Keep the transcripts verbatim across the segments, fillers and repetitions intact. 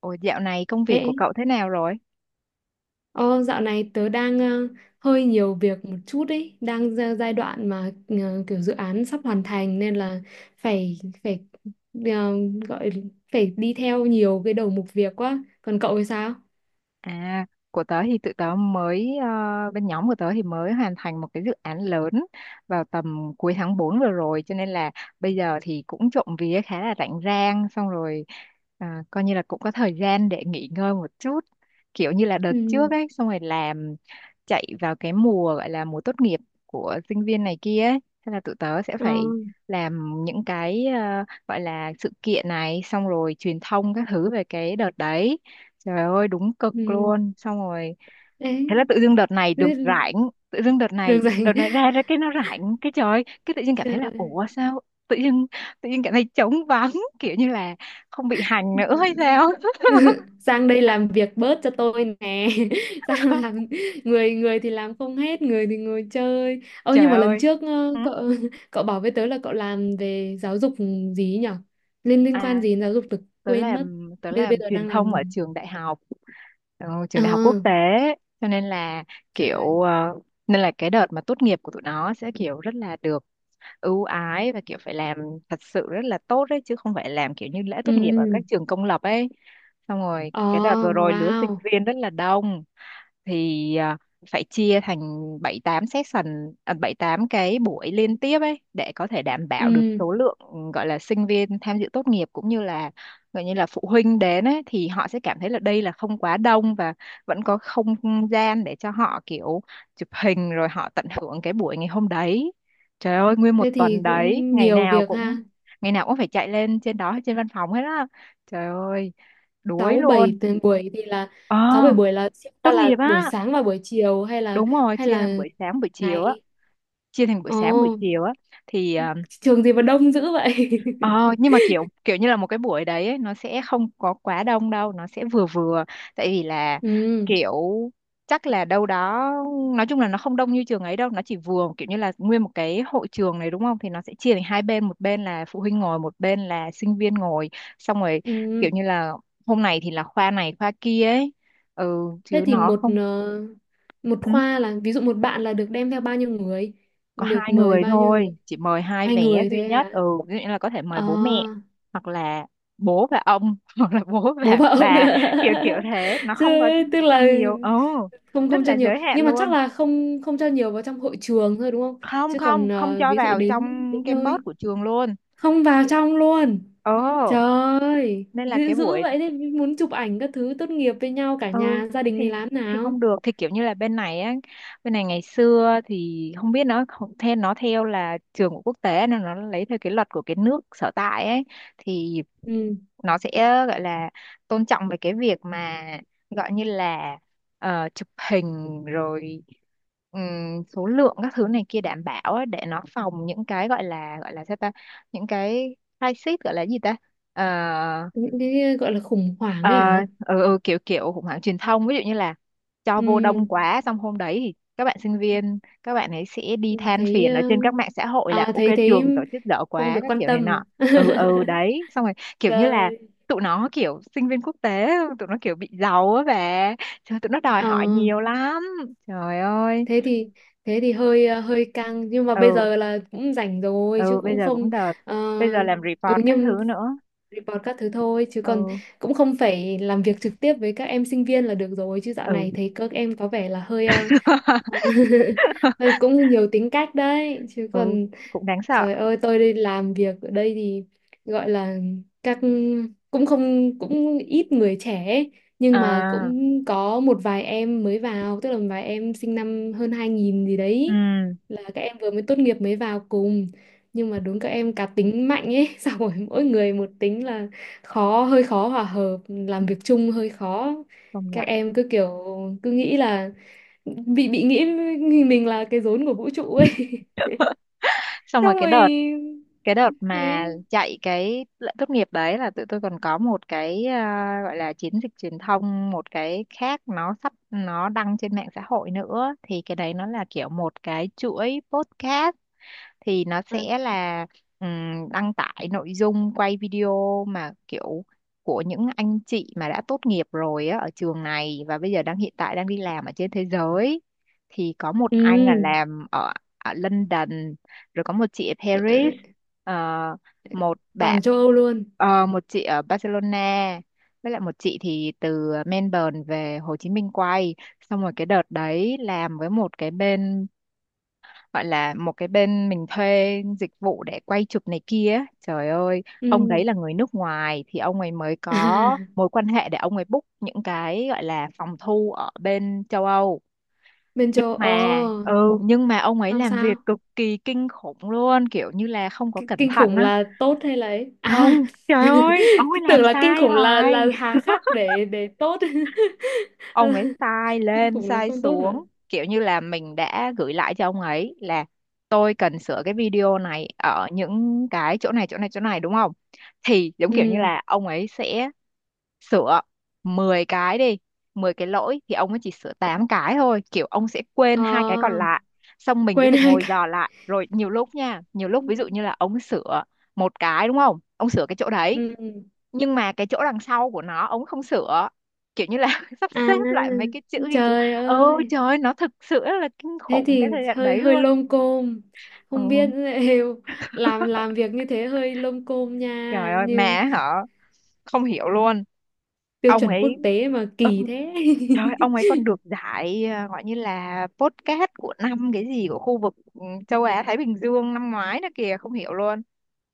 Ủa dạo này công Ê, việc của cậu thế nào rồi? ô, dạo này tớ đang ờ, hơi nhiều việc một chút ấy, đang ra giai đoạn mà ờ, kiểu dự án sắp hoàn thành nên là phải phải ờ, gọi phải đi theo nhiều cái đầu mục việc quá. Còn cậu thì sao? À, của tớ thì tụi tớ mới, ờ, bên nhóm của tớ thì mới hoàn thành một cái dự án lớn vào tầm cuối tháng bốn vừa rồi. Cho nên là bây giờ thì cũng trộm vía khá là rảnh rang. Xong rồi à, coi như là cũng có thời gian để nghỉ ngơi một chút. Kiểu như là đợt Ừ. trước ấy, xong rồi làm chạy vào cái mùa gọi là mùa tốt nghiệp của sinh viên này kia ấy. Thế là tụi tớ sẽ Ờ. phải làm những cái ờ, gọi là sự kiện này, xong rồi truyền thông các thứ về cái đợt đấy. Trời ơi đúng cực Ừ. luôn, xong rồi Đấy. thế là tự dưng đợt này được Thế. rảnh. Tự dưng đợt Được này đợt rồi. này ra ra cái nó rảnh, cái trời ơi, cái tự dưng cảm thấy là Trời. ủa sao tự dưng tự dưng cảm thấy trống vắng kiểu như là không bị hành nữa hay sao. sang đây làm việc bớt cho tôi nè sang làm người người thì làm không hết, người thì ngồi chơi. Ơ nhưng Trời mà lần ơi. trước ờ, Hử? cậu cậu bảo với tớ là cậu làm về giáo dục gì ấy nhở, liên liên quan À, gì đến giáo dục tớ tớ quên mất, làm tớ bây bây làm giờ truyền đang làm thông gì? ở trường đại học. Ừ, trường ờ đại học quốc tế, cho nên là Trời. kiểu ờ, nên là cái đợt mà tốt nghiệp của tụi nó sẽ kiểu rất là được ưu ái và kiểu phải làm thật sự rất là tốt đấy, chứ không phải làm kiểu như lễ tốt nghiệp ở Ừ. các trường công lập ấy. Xong rồi ờ cái đợt vừa rồi lứa sinh wow. viên rất là đông, thì à, phải chia thành bảy tám session, à, bảy tám cái buổi liên tiếp ấy để có thể đảm bảo được Ừ, số lượng, ừ, gọi là sinh viên tham dự tốt nghiệp cũng như là gọi như là phụ huynh đến ấy thì họ sẽ cảm thấy là đây là không quá đông và vẫn có không gian để cho họ kiểu chụp hình rồi họ tận hưởng cái buổi ngày hôm đấy. Trời ơi nguyên một thế tuần thì đấy, cũng ngày nhiều nào việc cũng ha. ngày nào cũng phải chạy lên trên đó trên văn phòng hết á. Trời ơi, đuối sáu luôn. bảy tuần buổi thì là, Ờ, sáu bảy buổi, là ta tốt là nghiệp buổi á. sáng và buổi chiều hay là Đúng rồi, hay chia là làm buổi sáng buổi chiều á, ngày? chia thành buổi Ồ, sáng buổi chiều á thì ờ, trường gì mà đông dữ vậy? ờ, nhưng mà kiểu kiểu như là một cái buổi đấy ấy, nó sẽ không có quá đông đâu, nó sẽ vừa vừa, tại vì là Ừ, kiểu chắc là đâu đó nói chung là nó không đông như trường ấy đâu, nó chỉ vừa kiểu như là nguyên một cái hội trường này đúng không? Thì nó sẽ chia thành hai bên, một bên là phụ huynh ngồi, một bên là sinh viên ngồi, xong rồi ừ. kiểu như là hôm nay thì là khoa này khoa kia ấy. Ừ Thế chứ thì nó một không. ờ, một Ừ. khoa là, ví dụ một bạn là được đem theo bao nhiêu người? Có Được hai mời người bao nhiêu người? thôi, chị mời hai Hai vé người duy thôi nhất. à? Ừ, ví dụ như là có thể mời bố mẹ, À, hoặc là bố và ông hoặc là bố bố và vợ không? bà, kiểu kiểu thế, nó Chứ không có tức cho là nhiều. Ừ, không rất không cho là nhiều, giới hạn nhưng mà chắc luôn. là không không cho nhiều vào trong hội trường thôi đúng không? Không Chứ còn không không ờ, cho ví dụ vào đến trong đến campus nơi của trường luôn. không vào trong luôn. Ừ, Trời ơi, nên là dữ cái dữ buổi. vậy đấy, muốn chụp ảnh các thứ tốt nghiệp với nhau cả Ừ, nhà gia đình thì thì làm thì nào? không được, thì kiểu như là bên này á, bên này ngày xưa thì không biết, nó không- theo, nó theo là trường của quốc tế nên nó lấy theo cái luật của cái nước sở tại ấy, thì Ừ, nó sẽ gọi là tôn trọng về cái việc mà gọi như là ờ, chụp hình, rồi ừm, số lượng các thứ này kia đảm bảo á, để nó phòng những cái gọi là gọi là sao ta, những cái crisis gọi là gì ta, ờ, những cái gọi là khủng hoảng ờ, ấy hả? ừ, ừ, kiểu kiểu khủng hoảng truyền thông, ví dụ như là cho vô Ừ, đông quá xong hôm đấy thì các bạn sinh viên các bạn ấy sẽ đi ừ, than thấy phiền ở ờ, trên các mạng xã hội là à, ok thấy thấy trường tổ chức dở không quá được các quan kiểu này tâm, nọ. à? Ừ ừ đấy, xong rồi kiểu như là Trời. tụi nó kiểu sinh viên quốc tế, tụi nó kiểu bị giàu á bà, trời tụi nó đòi hỏi Ờ, nhiều lắm. Trời ơi. thế thì thế thì hơi ờ, hơi căng, nhưng mà bây ừ giờ là cũng rảnh rồi chứ ừ bây cũng giờ không. cũng đợt, ờ, bây giờ làm ừ, report các nhưng thứ nữa. report các thứ thôi chứ còn Ừ, cũng không phải làm việc trực tiếp với các em sinh viên là được rồi, chứ dạo ừ này thấy các em có vẻ là hơi ờ, Ờ, cũng nhiều tính cách đấy chứ ừ còn. cũng đáng sợ. Trời ơi, tôi đi làm việc ở đây thì gọi là các cũng không cũng ít người trẻ ấy, nhưng mà À cũng có một vài em mới vào, tức là một vài em sinh năm hơn hai nghìn gì đấy, ừ là các em vừa mới tốt nghiệp mới vào cùng, nhưng mà đúng các em cá tính mạnh ấy xong rồi mỗi người một tính là khó hơi khó hòa hợp, làm việc chung hơi khó, công nhận. các em cứ kiểu cứ nghĩ là bị bị nghĩ mình mình là cái rốn của vũ trụ ấy Xong rồi xong cái rồi đợt cái đợt mà đấy. chạy cái lễ tốt nghiệp đấy là tụi tôi còn có một cái, à, gọi là chiến dịch truyền thông một cái khác, nó sắp nó đăng trên mạng xã hội nữa, thì cái đấy nó là kiểu một cái chuỗi podcast, thì nó À, sẽ là ừm, đăng tải nội dung quay video mà kiểu của những anh chị mà đã tốt nghiệp rồi á, ở trường này, và bây giờ đang hiện tại đang đi làm ở trên thế giới, thì có một ừ, anh là làm ở, ở London, rồi có một chị ở ờ, ờ, Paris, ờ, một toàn bạn, châu Âu luôn. ờ, một chị ở Barcelona, với lại một chị thì từ Melbourne về Hồ Chí Minh quay. Xong rồi cái đợt đấy làm với một cái bên, gọi là một cái bên mình thuê dịch vụ để quay chụp này kia ấy. Trời ơi ông Ừ đấy là người nước ngoài thì ông ấy mới à, có mối quan hệ để ông ấy book những cái gọi là phòng thu ở bên châu Âu, bên nhưng châu mà ờ ừ nhưng mà ông ấy xong làm sao? việc cực kỳ kinh khủng luôn, kiểu như là không K có cẩn Kinh thận khủng á. là tốt hay là ấy à? Không, trời ơi ông ấy làm Tưởng là kinh sai khủng là hoài. là hà khắc để để tốt Ông ấy sai kinh lên khủng là sai không tốt hả? xuống, kiểu như là mình đã gửi lại cho ông ấy là tôi cần sửa cái video này ở những cái chỗ này chỗ này chỗ này đúng không, thì giống kiểu như Ừ. là ông ấy sẽ sửa mười cái, đi mười cái lỗi thì ông ấy chỉ sửa tám cái thôi, kiểu ông sẽ quên hai cái còn ờ lại. Xong mình sẽ Quên phải hai ngồi cái. dò lại, rồi nhiều lúc nha, nhiều lúc ví dụ như là ông sửa một cái đúng không, ông sửa cái chỗ đấy Ừ. Ừ. nhưng mà cái chỗ đằng sau của nó ông không sửa, kiểu như là sắp À, xếp lại mấy cái chữ ghi chú. trời Ôi ơi, trời ơi, nó thực sự là kinh thế khủng thì cái thời gian hơi đấy hơi luôn. lông côm, Ừ. không biết liệu làm làm việc như thế hơi lông côm Trời nha, ơi mẹ như hả, không hiểu luôn. tiêu Ông chuẩn quốc ấy tế mà ừ, kỳ thế. trời ơi, ông ấy còn được giải, à, gọi như là podcast của năm cái gì của khu vực, ừ, châu Á Thái Bình Dương năm ngoái nữa kìa, không hiểu luôn.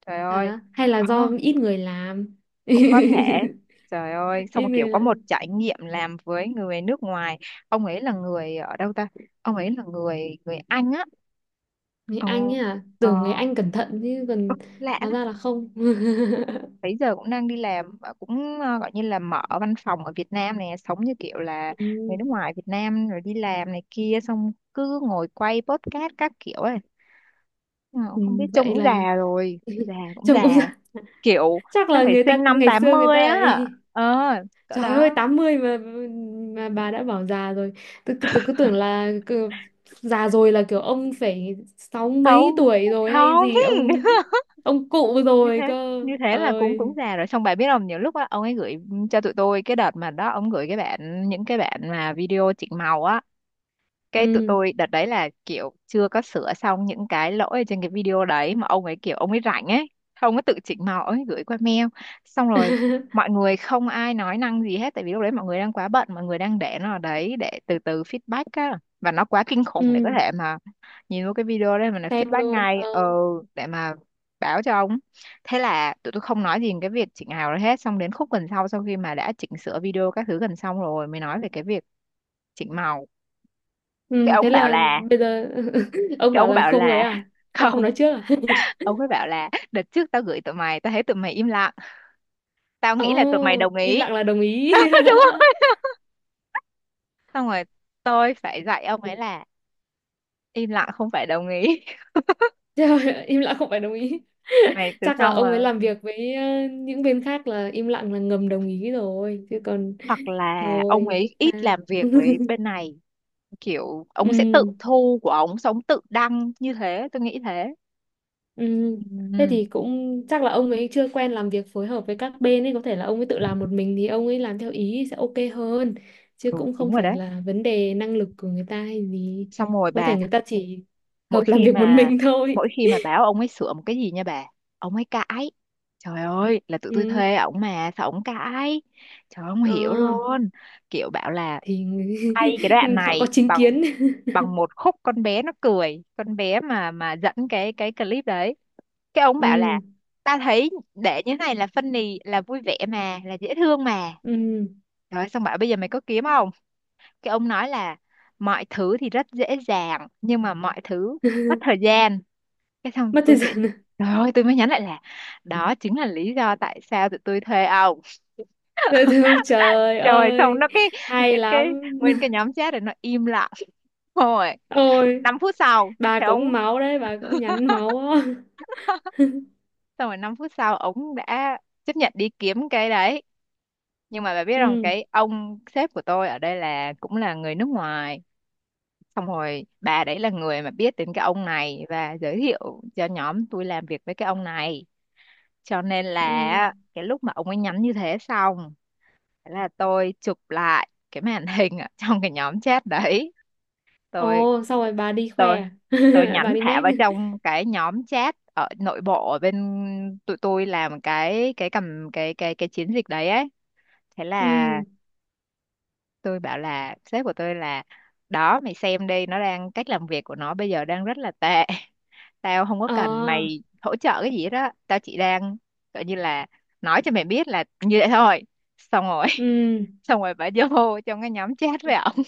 Trời Bảo ơi. đó hay là Ờ, do ít người làm. cũng có thể. Trời ơi, xong Ít rồi kiểu người có một làm. trải nghiệm làm với người nước ngoài. Ông ấy là người ở đâu ta, ông ấy là người người Anh á. Người Anh Ồ, ấy à? ờ, Tưởng người Anh cẩn thận chứ ừ, còn lạ. hóa ra là không. Bây giờ cũng đang đi làm và cũng ờ, gọi như là mở văn phòng ở Việt Nam này, sống như kiểu là người Ừ, nước ngoài Việt Nam rồi đi làm này kia, xong cứ ngồi quay podcast các kiểu ấy. Ờ, ừ, không biết trông vậy cũng là già rồi, già cũng chồng già, cũng kiểu chắc chắc là phải người sinh ta năm ngày tám xưa người mươi ta á. ấy. Ờ, cỡ Trời ơi đó. tám mươi mà, mà bà đã bảo già rồi. Tôi cứ tôi cứ tưởng là cứ, già rồi là kiểu ông phải sáu mấy Không, tuổi rồi hay không. gì, ông ông cụ Như rồi thế, cơ. như thế là cũng cũng Ơi. già rồi. Xong bà biết không, nhiều lúc á ông ấy gửi cho tụi tôi cái đợt mà đó ông gửi cái bản, những cái bản mà video chỉnh màu á, cái tụi Ừ. tôi đợt đấy là kiểu chưa có sửa xong những cái lỗi ở trên cái video đấy, mà ông ấy kiểu ông ấy rảnh ấy, ông ấy tự chỉnh màu ông ấy gửi qua mail. Xong rồi mọi người không ai nói năng gì hết, tại vì lúc đấy mọi người đang quá bận, mọi người đang để nó ở đấy để từ từ feedback á, và nó quá kinh khủng để có Ừ, thể mà nhìn vô cái video đấy mà nó xem feedback luôn. ngay, Ờ. ờ để mà báo cho ông. Thế là tụi tôi không nói gì về cái việc chỉnh màu đấy hết, xong đến khúc gần sau, sau khi mà đã chỉnh sửa video các thứ gần xong rồi mới nói về cái việc chỉnh màu. cái Ừ, thế ông bảo là là bây giờ ông cái bảo ông là bảo không ấy là à? Sao không không, nói trước à? ông ấy bảo là đợt trước tao gửi tụi mày tao thấy tụi mày im lặng, tao nghĩ là tụi mày Ồ, đồng im ý. lặng là đồng ý. Đúng không, xong rồi tôi phải dạy ông ấy là im lặng không phải đồng ý. Trời ơi, im lặng không phải đồng ý. Mày từ Chắc là sau ông ấy mà, làm việc với ờ, những bên khác là im lặng là ngầm đồng ý rồi. Chứ còn hoặc là ông thôi, biết ấy ít sao. làm việc với bên này, kiểu ông sẽ tự Ừ, thu của ông xong tự đăng như thế, tôi nghĩ thế. ừ. Thế Ừ, thì cũng chắc là ông ấy chưa quen làm việc phối hợp với các bên ấy. Có thể là ông ấy tự làm một mình thì ông ấy làm theo ý sẽ ok hơn. Chứ ừ cũng đúng không rồi phải đấy. là vấn đề năng lực của người ta hay gì. Xong rồi Có bà, thể người ta chỉ mỗi hợp làm khi việc một mà mình thôi. mỗi khi mà bảo ông ấy sửa một cái gì nha bà, ông ấy cãi. Trời ơi là tụi tôi Ừ. thuê ổng mà sao ổng cãi. Trời ơi, không Ờ, hiểu luôn. Kiểu bảo là thì người- hay cái đoạn họ có này chính bằng, kiến. bằng một khúc con bé nó cười, con bé mà mà dẫn cái cái clip đấy, cái ông bảo là Ừ. ta thấy để như thế này là funny, là vui vẻ mà, là dễ thương mà, Ừ. rồi xong bảo bây giờ mày có kiếm không, cái ông nói là mọi thứ thì rất dễ dàng nhưng mà mọi thứ mất thời gian. Cái xong Mất tôi thời phải gian à? trời ơi tôi mới nhắn lại là đó chính là lý do tại sao tụi tôi thuê ông. Dễ thương trời Trời xong ơi. nó cái Hay nguyên cái lắm. nguyên cái nhóm chat rồi nó im lặng, rồi Ôi năm phút sau bà thì ông, cũng máu đấy, bà cũng nhắn máu á. xong rồi năm phút sau ông đã chấp nhận đi kiếm cái đấy. Nhưng mà bà biết rằng Ừ. cái ông sếp của tôi ở đây là cũng là người nước ngoài, xong rồi bà đấy là người mà biết đến cái ông này và giới thiệu cho nhóm tôi làm việc với cái ông này, cho nên Ừ. là cái lúc mà ông ấy nhắn như thế xong, thế là tôi chụp lại cái màn hình ở trong cái nhóm chat đấy. Ồ, Tôi xong rồi bà đi khoe tôi à? tôi Bà nhắn đi thả mét. vào trong cái nhóm chat ở nội bộ ở bên tụi tôi làm cái cái cầm cái cái cái chiến dịch đấy ấy. Thế là Ừ. tôi bảo là sếp của tôi là đó mày xem đi, nó đang cách làm việc của nó bây giờ đang rất là tệ. Tao không có Ờ, cần mày hỗ trợ cái gì đó. Tao chỉ đang gọi như là nói cho mày biết là như vậy thôi. Xong rồi ừ. xong rồi bà vô trong cái nhóm chat với ổng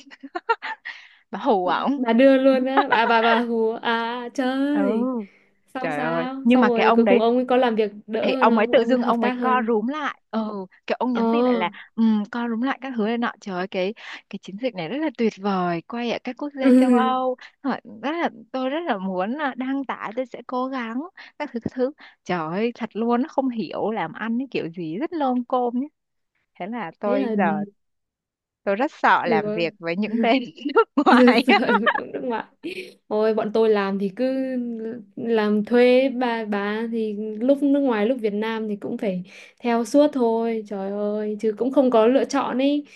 bà hù ổng. Bà đưa luôn á, Bà bà bà hùa. À trời. Ừ Xong trời ơi, sao? nhưng Xong mà cái rồi ông cuối cùng đấy ông ấy có làm việc thì đỡ hơn ông ấy không? tự Ông ấy dưng hợp ông ấy tác co hơn không? rúm lại, ừ kiểu ông nhắn tin lại Ờ. là um, co rúm lại các thứ này nọ, trời ơi cái cái chiến dịch này rất là tuyệt vời, quay ở các quốc gia châu Âu. Hỏi rất là, tôi rất là muốn là đăng tải, tôi sẽ cố gắng các thứ các thứ. Trời ơi thật luôn, nó không hiểu làm ăn cái kiểu gì rất lôm côm nhé. Thế là Thế là, tôi giờ ừ, tôi rất sợ được làm việc với những bên nước ngoài sợ ở á. nước ngoài. Ôi bọn tôi làm thì cứ làm thuê, bà bà thì lúc nước ngoài lúc Việt Nam thì cũng phải theo suốt thôi, trời ơi, chứ cũng không có lựa chọn ấy.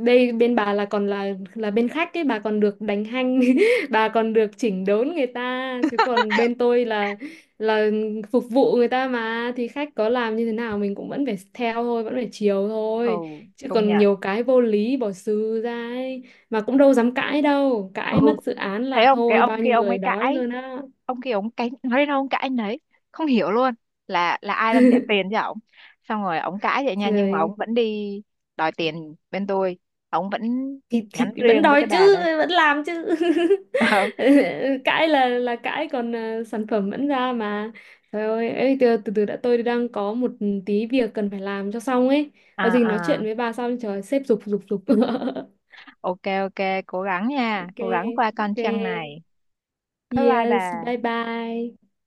Đây bên bà là còn là là bên khách ấy, bà còn được đánh hanh, bà còn được chỉnh đốn người ta, chứ còn bên tôi là là phục vụ người ta, mà thì khách có làm như thế nào mình cũng vẫn phải theo thôi, vẫn phải chiều Ừ thôi, chứ công còn nhận. nhiều cái vô lý bỏ xừ ra ấy, mà cũng đâu dám cãi, đâu Ừ cãi mất dự án thấy là không, cái thôi bao ông kia nhiêu ông ấy người đói cãi, luôn á. ông kia ông cãi nói đến đâu ông cãi đến đấy, không hiểu luôn, là là ai đang trả tiền cho ông. Xong rồi ông cãi vậy nha, nhưng mà Trời, ông vẫn đi đòi tiền bên tôi, ông vẫn thì, thì nhắn vẫn riêng với đói cái bà chứ đây vẫn làm chứ. bảo. Cãi là là cãi, còn ờ, sản phẩm vẫn ra mà. Trời ơi ấy, từ, từ từ đã, tôi đang có một tí việc cần phải làm cho xong ấy, À có gì nói chuyện à, với bà sau, trời sếp giục giục giục. ok ok, cố gắng nha, Ok cố gắng qua con ok. trăng này. Bye bye Yes, bà. bye bye.